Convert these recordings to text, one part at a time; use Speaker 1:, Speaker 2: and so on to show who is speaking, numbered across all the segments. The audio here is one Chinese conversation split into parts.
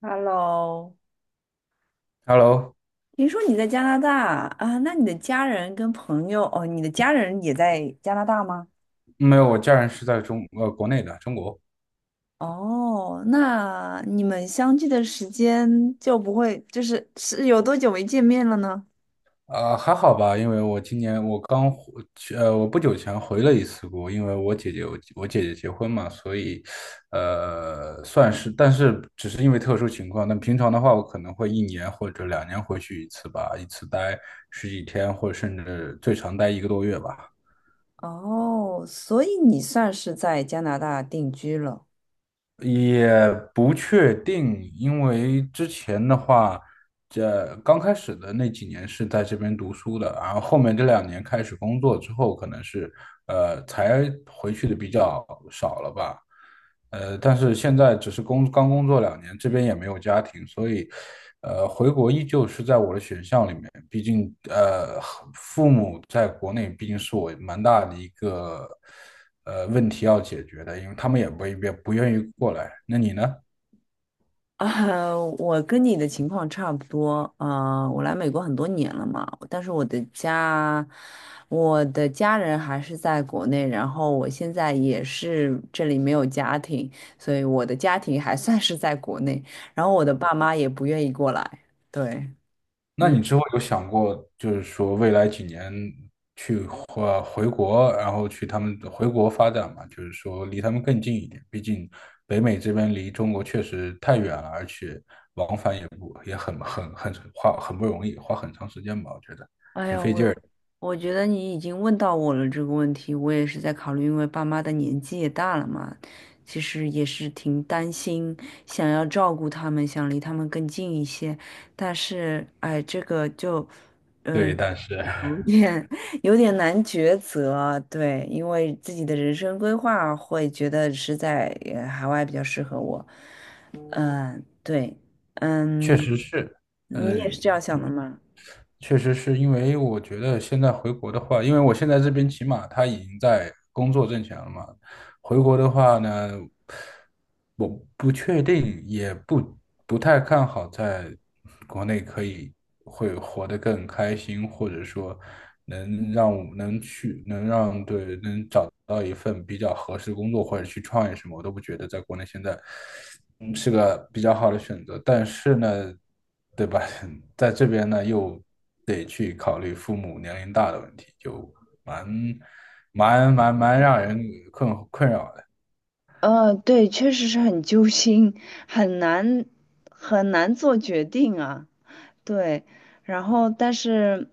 Speaker 1: Hello，
Speaker 2: Hello，
Speaker 1: 听说你在加拿大啊？那你的家人跟朋友哦，你的家人也在加拿大吗？
Speaker 2: 没有，我家人是在国内的中国。
Speaker 1: 哦，那你们相聚的时间就不会，就是有多久没见面了呢？
Speaker 2: 还好吧，因为我今年我刚回去，我不久前回了一次国，因为我姐姐结婚嘛，所以算是。但是只是因为特殊情况，那平常的话我可能会一年或者两年回去一次吧，一次待十几天或者甚至最长待一个多月吧。
Speaker 1: 哦，所以你算是在加拿大定居了。
Speaker 2: 也不确定，因为之前的话，这刚开始的那几年是在这边读书的，然后后面这两年开始工作之后，可能是才回去的比较少了吧。但是现在只是刚工作两年，这边也没有家庭，所以回国依旧是在我的选项里面，毕竟父母在国内毕竟是我蛮大的一个。问题要解决的，因为他们也不愿意过来。那你呢？
Speaker 1: 啊，我跟你的情况差不多。啊，我来美国很多年了嘛，但是我的家，我的家人还是在国内，然后我现在也是这里没有家庭，所以我的家庭还算是在国内，然后我的爸妈也不愿意过来。对，
Speaker 2: 那
Speaker 1: 嗯。
Speaker 2: 你之后有想过，就是说未来几年或回国，然后去他们回国发展嘛？就是说离他们更近一点，毕竟北美这边离中国确实太远了，而且往返也不也很花，很不容易，花很长时间吧，我觉得。
Speaker 1: 哎呀，我觉得你已经问到我了这个问题，我也是在考虑，因为爸妈的年纪也大了嘛，其实也是挺担心，想要照顾他们，想离他们更近一些，但是哎，这个就
Speaker 2: 对，
Speaker 1: 嗯
Speaker 2: 但是
Speaker 1: 有点 有点难抉择，对，因为自己的人生规划会觉得是在海外比较适合我，嗯，对，
Speaker 2: 确
Speaker 1: 嗯，
Speaker 2: 实是。
Speaker 1: 你也是
Speaker 2: 嗯，
Speaker 1: 这样想的吗？
Speaker 2: 确实是因为我觉得现在回国的话，因为我现在这边起码他已经在工作挣钱了嘛。回国的话呢，我不确定，也不不太看好在国内可以会活得更开心，或者说能让我能去能让对能找到一份比较合适的工作，或者去创业什么，我都不觉得在国内现在是个比较好的选择。但是呢，对吧？在这边呢，又得去考虑父母年龄大的问题，就蛮蛮让人困扰的。
Speaker 1: 对，确实是很揪心，很难很难做决定啊。对，然后但是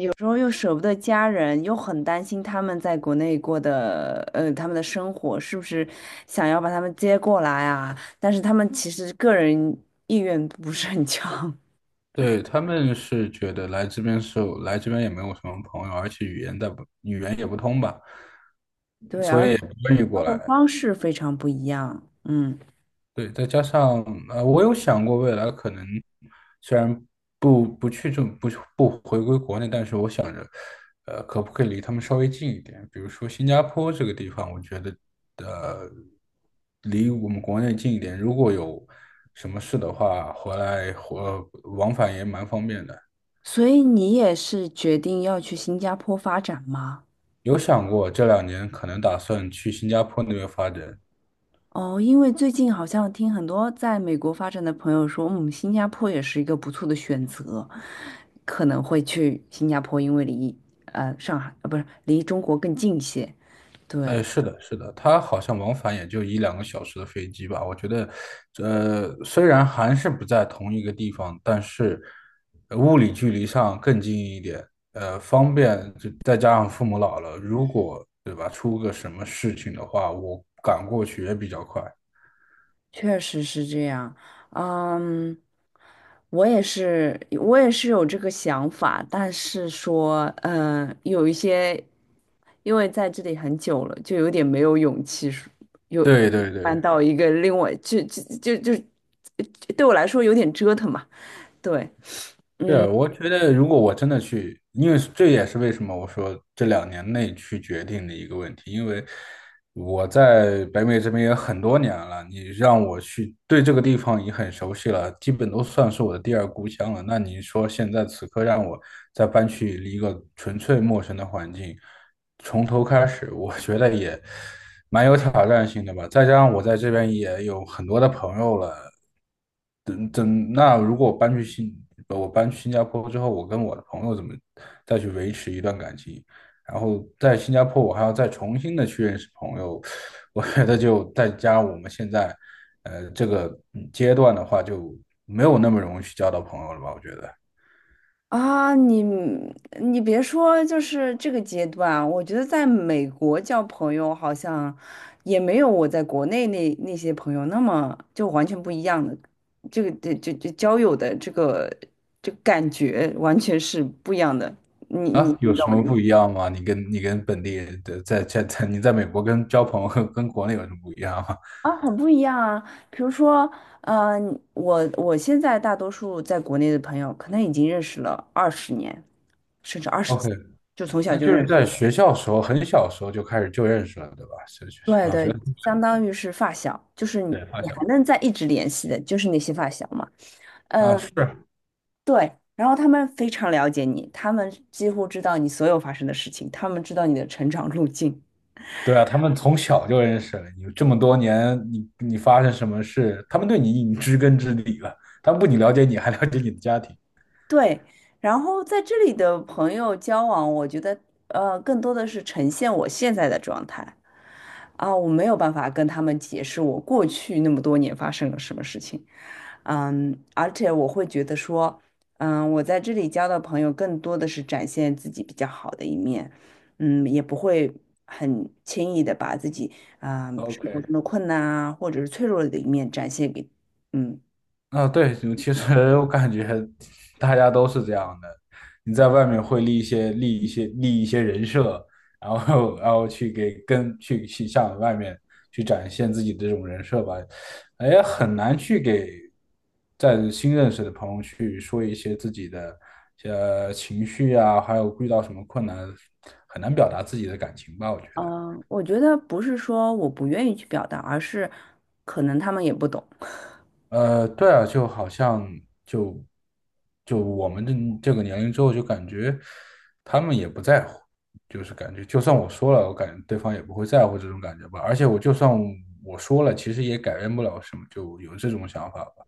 Speaker 1: 有时候又舍不得家人，又很担心他们在国内过的，他们的生活是不是想要把他们接过来啊？但是他们其实个人意愿不是很强，
Speaker 2: 对，他们是觉得来这边也没有什么朋友，而且语言也不通吧，
Speaker 1: 对，
Speaker 2: 所
Speaker 1: 而
Speaker 2: 以也不愿意
Speaker 1: 生
Speaker 2: 过
Speaker 1: 活
Speaker 2: 来。
Speaker 1: 方式非常不一样，嗯，
Speaker 2: 对，再加上我有想过未来可能虽然不不去这不不回归国内，但是我想着，可不可以离他们稍微近一点？比如说新加坡这个地方，我觉得呃，离我们国内近一点，如果有什么事的话，回来或往返也蛮方便的。
Speaker 1: 所以你也是决定要去新加坡发展吗？
Speaker 2: 有想过这两年可能打算去新加坡那边发展。
Speaker 1: 哦，因为最近好像听很多在美国发展的朋友说，嗯，新加坡也是一个不错的选择，可能会去新加坡，因为离上海不是离中国更近一些。对，
Speaker 2: 哎，是的，是的，它好像往返也就一两个小时的飞机吧。我觉得，虽然还是不在同一个地方，但是物理距离上更近一点，方便。就再加上父母老了，如果对吧，出个什么事情的话，我赶过去也比较快。
Speaker 1: 确实是这样，嗯，我也是，我也是有这个想法，但是说，嗯，有一些，因为在这里很久了，就有点没有勇气说，有
Speaker 2: 对对
Speaker 1: 搬
Speaker 2: 对。
Speaker 1: 到一个另外，就，对我来说有点折腾嘛，对，
Speaker 2: 是啊，
Speaker 1: 嗯。
Speaker 2: 我觉得如果我真的去，因为这也是为什么我说这两年内去决定的一个问题，因为我在北美这边也很多年了，你让我去对这个地方也很熟悉了，基本都算是我的第二故乡了。那你说现在此刻让我再搬去一个纯粹陌生的环境，从头开始，我觉得也蛮有挑战性的吧。再加上我在这边也有很多的朋友了，等等，那如果我搬去新加坡之后，我跟我的朋友怎么再去维持一段感情？然后在新加坡，我还要再重新的去认识朋友，我觉得就再加上我们现在，呃，这个阶段的话，就没有那么容易去交到朋友了吧？我觉得。
Speaker 1: 啊，你别说，就是这个阶段，我觉得在美国交朋友好像也没有我在国内那些朋友那么就完全不一样的，这个这交友的这个感觉完全是不一样的。
Speaker 2: 啊，有
Speaker 1: 你懂
Speaker 2: 什
Speaker 1: 我的
Speaker 2: 么
Speaker 1: 意思
Speaker 2: 不一样吗？你跟本地人的在在在你在美国交朋友跟国内有什么不一样吗
Speaker 1: 啊，很不一样啊。比如说，呃，我现在大多数在国内的朋友，可能已经认识了二十年，甚至二十几，
Speaker 2: ？OK，
Speaker 1: 就从小
Speaker 2: 那
Speaker 1: 就
Speaker 2: 就
Speaker 1: 认
Speaker 2: 是
Speaker 1: 识。
Speaker 2: 在学校时候，很小时候就开始就认识了，对吧？
Speaker 1: 对
Speaker 2: 小学。
Speaker 1: 对，相当于是发小，就是
Speaker 2: 对发
Speaker 1: 你还
Speaker 2: 小。
Speaker 1: 能在一直联系的，就是那些发小嘛。
Speaker 2: 啊，
Speaker 1: 嗯，
Speaker 2: 是。
Speaker 1: 对。然后他们非常了解你，他们几乎知道你所有发生的事情，他们知道你的成长路径。
Speaker 2: 对啊，他们从小就认识了你，这么多年，你发生什么事，他们对你已经知根知底了，他们不仅了解你，还了解你的家庭。
Speaker 1: 对。然后在这里的朋友交往，我觉得更多的是呈现我现在的状态啊，我没有办法跟他们解释我过去那么多年发生了什么事情。嗯，而且我会觉得说，嗯，我在这里交的朋友更多的是展现自己比较好的一面，嗯，也不会很轻易的把自己啊，生活
Speaker 2: OK。
Speaker 1: 中的困难啊，或者是脆弱的一面展现给，嗯，
Speaker 2: 啊，对，就其实 我感觉大家都是这样的。你在外面会立一些人设，然后去向外面去展现自己的这种人设吧。哎，很难去给在新认识的朋友去说一些自己的情绪啊，还有遇到什么困难，很难表达自己的感情吧，我觉得。
Speaker 1: 我觉得不是说我不愿意去表达，而是可能他们也不懂，
Speaker 2: 对啊，就好像就我们这这个年龄之后，就感觉他们也不在乎，就是感觉就算我说了，我感觉对方也不会在乎这种感觉吧。而且我就算我说了，其实也改变不了什么，就有这种想法吧。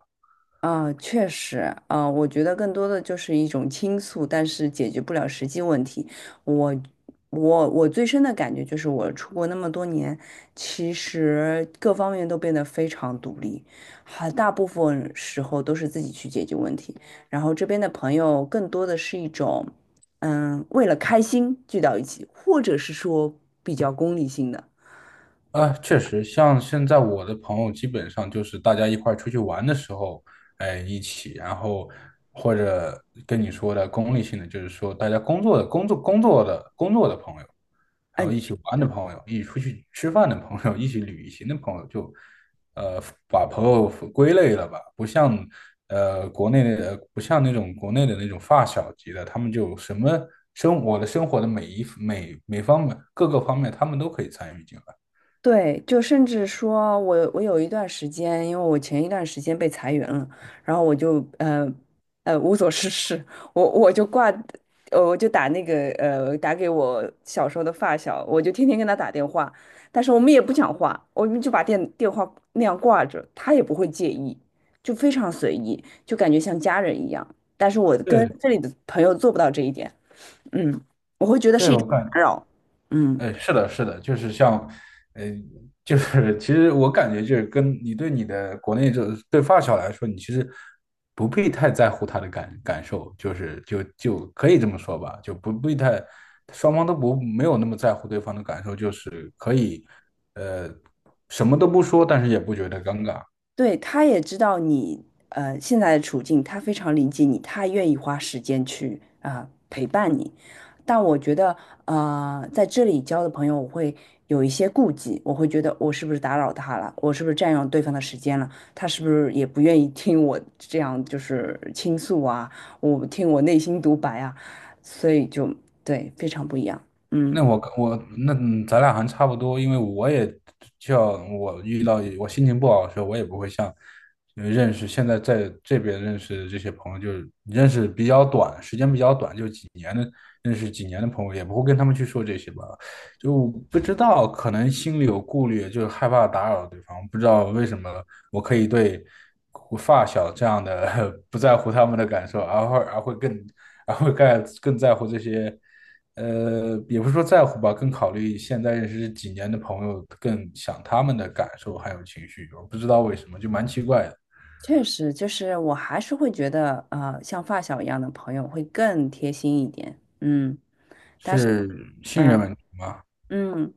Speaker 1: 啊，确实，啊，我觉得更多的就是一种倾诉，但是解决不了实际问题。我，我最深的感觉就是，我出国那么多年，其实各方面都变得非常独立，很大部分时候都是自己去解决问题。然后这边的朋友更多的是一种，嗯，为了开心聚到一起，或者是说比较功利性的，
Speaker 2: 啊，确实，像现在我的朋友基本上就是大家一块儿出去玩的时候，哎，一起，然后或者跟你说的功利性的，就是说大家工作的朋友，还有
Speaker 1: 嗯。
Speaker 2: 一起玩的朋友，一起出去吃饭的朋友，一起旅行的朋友，就把朋友归类了吧，不像国内的，不像那种国内的那种发小级的，他们就什么生我的生活的每一每每方面各个方面，他们都可以参与进来。
Speaker 1: 对，就甚至说我有一段时间，因为我前一段时间被裁员了，然后我就无所事事，我就挂，我就打那个打给我小时候的发小，我就天天跟他打电话，但是我们也不讲话，我们就把电话那样挂着，他也不会介意，就非常随意，就感觉像家人一样。但是我跟
Speaker 2: 对。
Speaker 1: 这里的朋友做不到这一点，嗯，我会觉得是
Speaker 2: 对，
Speaker 1: 一种打扰，嗯
Speaker 2: 是的，是的，就是像，呃，就是其实我感觉就是跟你对你的国内这对发小来说，你其实不必太在乎他的感受，就是就可以这么说吧，就不必太，双方都不没有那么在乎对方的感受，就是可以，呃，什么都不说，但是也不觉得尴尬。
Speaker 1: 对，他也知道你现在的处境，他非常理解你，他愿意花时间去啊、陪伴你。但我觉得在这里交的朋友，我会有一些顾忌，我会觉得我是不是打扰他了，我是不是占用对方的时间了，他是不是也不愿意听我这样就是倾诉啊，我听我内心独白啊，所以就对非常不一样，
Speaker 2: 那
Speaker 1: 嗯。
Speaker 2: 我跟我那嗯咱俩还差不多，因为我也就像我遇到我心情不好的时候，我也不会像呃认识现在在这边认识的这些朋友，就是认识比较短，时间比较短，就几年的认识几年的朋友，也不会跟他们去说这些吧，就不知道可能心里有顾虑，就是害怕打扰对方，不知道为什么我可以对我发小这样的 不在乎他们的感受，而会而会更而会更更在乎这些。也不是说在乎吧，更考虑现在认识几年的朋友，更想他们的感受还有情绪。我不知道为什么，就蛮奇怪的，
Speaker 1: 确实，就是我还是会觉得，像发小一样的朋友会更贴心一点，嗯，但是，
Speaker 2: 是信任
Speaker 1: 嗯
Speaker 2: 问题吗？
Speaker 1: 嗯，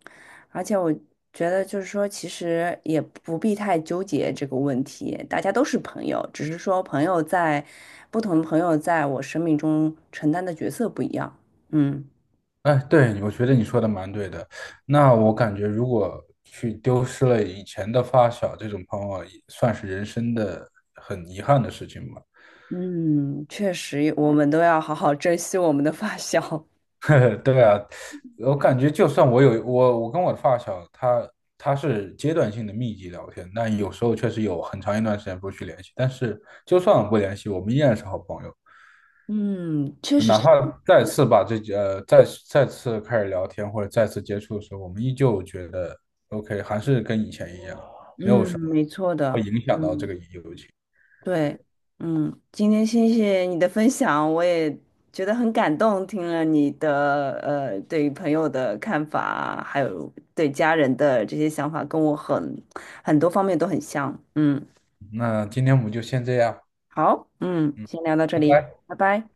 Speaker 1: 而且我觉得就是说，其实也不必太纠结这个问题，大家都是朋友，只是说朋友在不同的朋友在我生命中承担的角色不一样，嗯
Speaker 2: 哎，对，我觉得你说的蛮对的。那我感觉，如果去丢失了以前的发小这种朋友，也算是人生的很遗憾的事情吧。
Speaker 1: 嗯，确实，我们都要好好珍惜我们的发小，
Speaker 2: 对啊，我感觉就算我跟我的发小，他他是阶段性的密集聊天，但有时候确实有很长一段时间不去联系，但是就算不联系，我们依然是好朋友。
Speaker 1: 嗯，确实
Speaker 2: 哪
Speaker 1: 是，
Speaker 2: 怕再次把再次开始聊天或者再次接触的时候，我们依旧觉得 OK，还是跟以前一样，没有
Speaker 1: 嗯，
Speaker 2: 什么
Speaker 1: 没错
Speaker 2: 会
Speaker 1: 的，
Speaker 2: 影响到这
Speaker 1: 嗯。
Speaker 2: 个友情。
Speaker 1: 对，嗯，今天谢谢你的分享，我也觉得很感动，听了你的对于朋友的看法，还有对家人的这些想法，跟我很很多方面都很像。嗯，
Speaker 2: 那今天我们就先这样，
Speaker 1: 好，嗯，先聊到这
Speaker 2: 拜
Speaker 1: 里，
Speaker 2: 拜。
Speaker 1: 拜拜。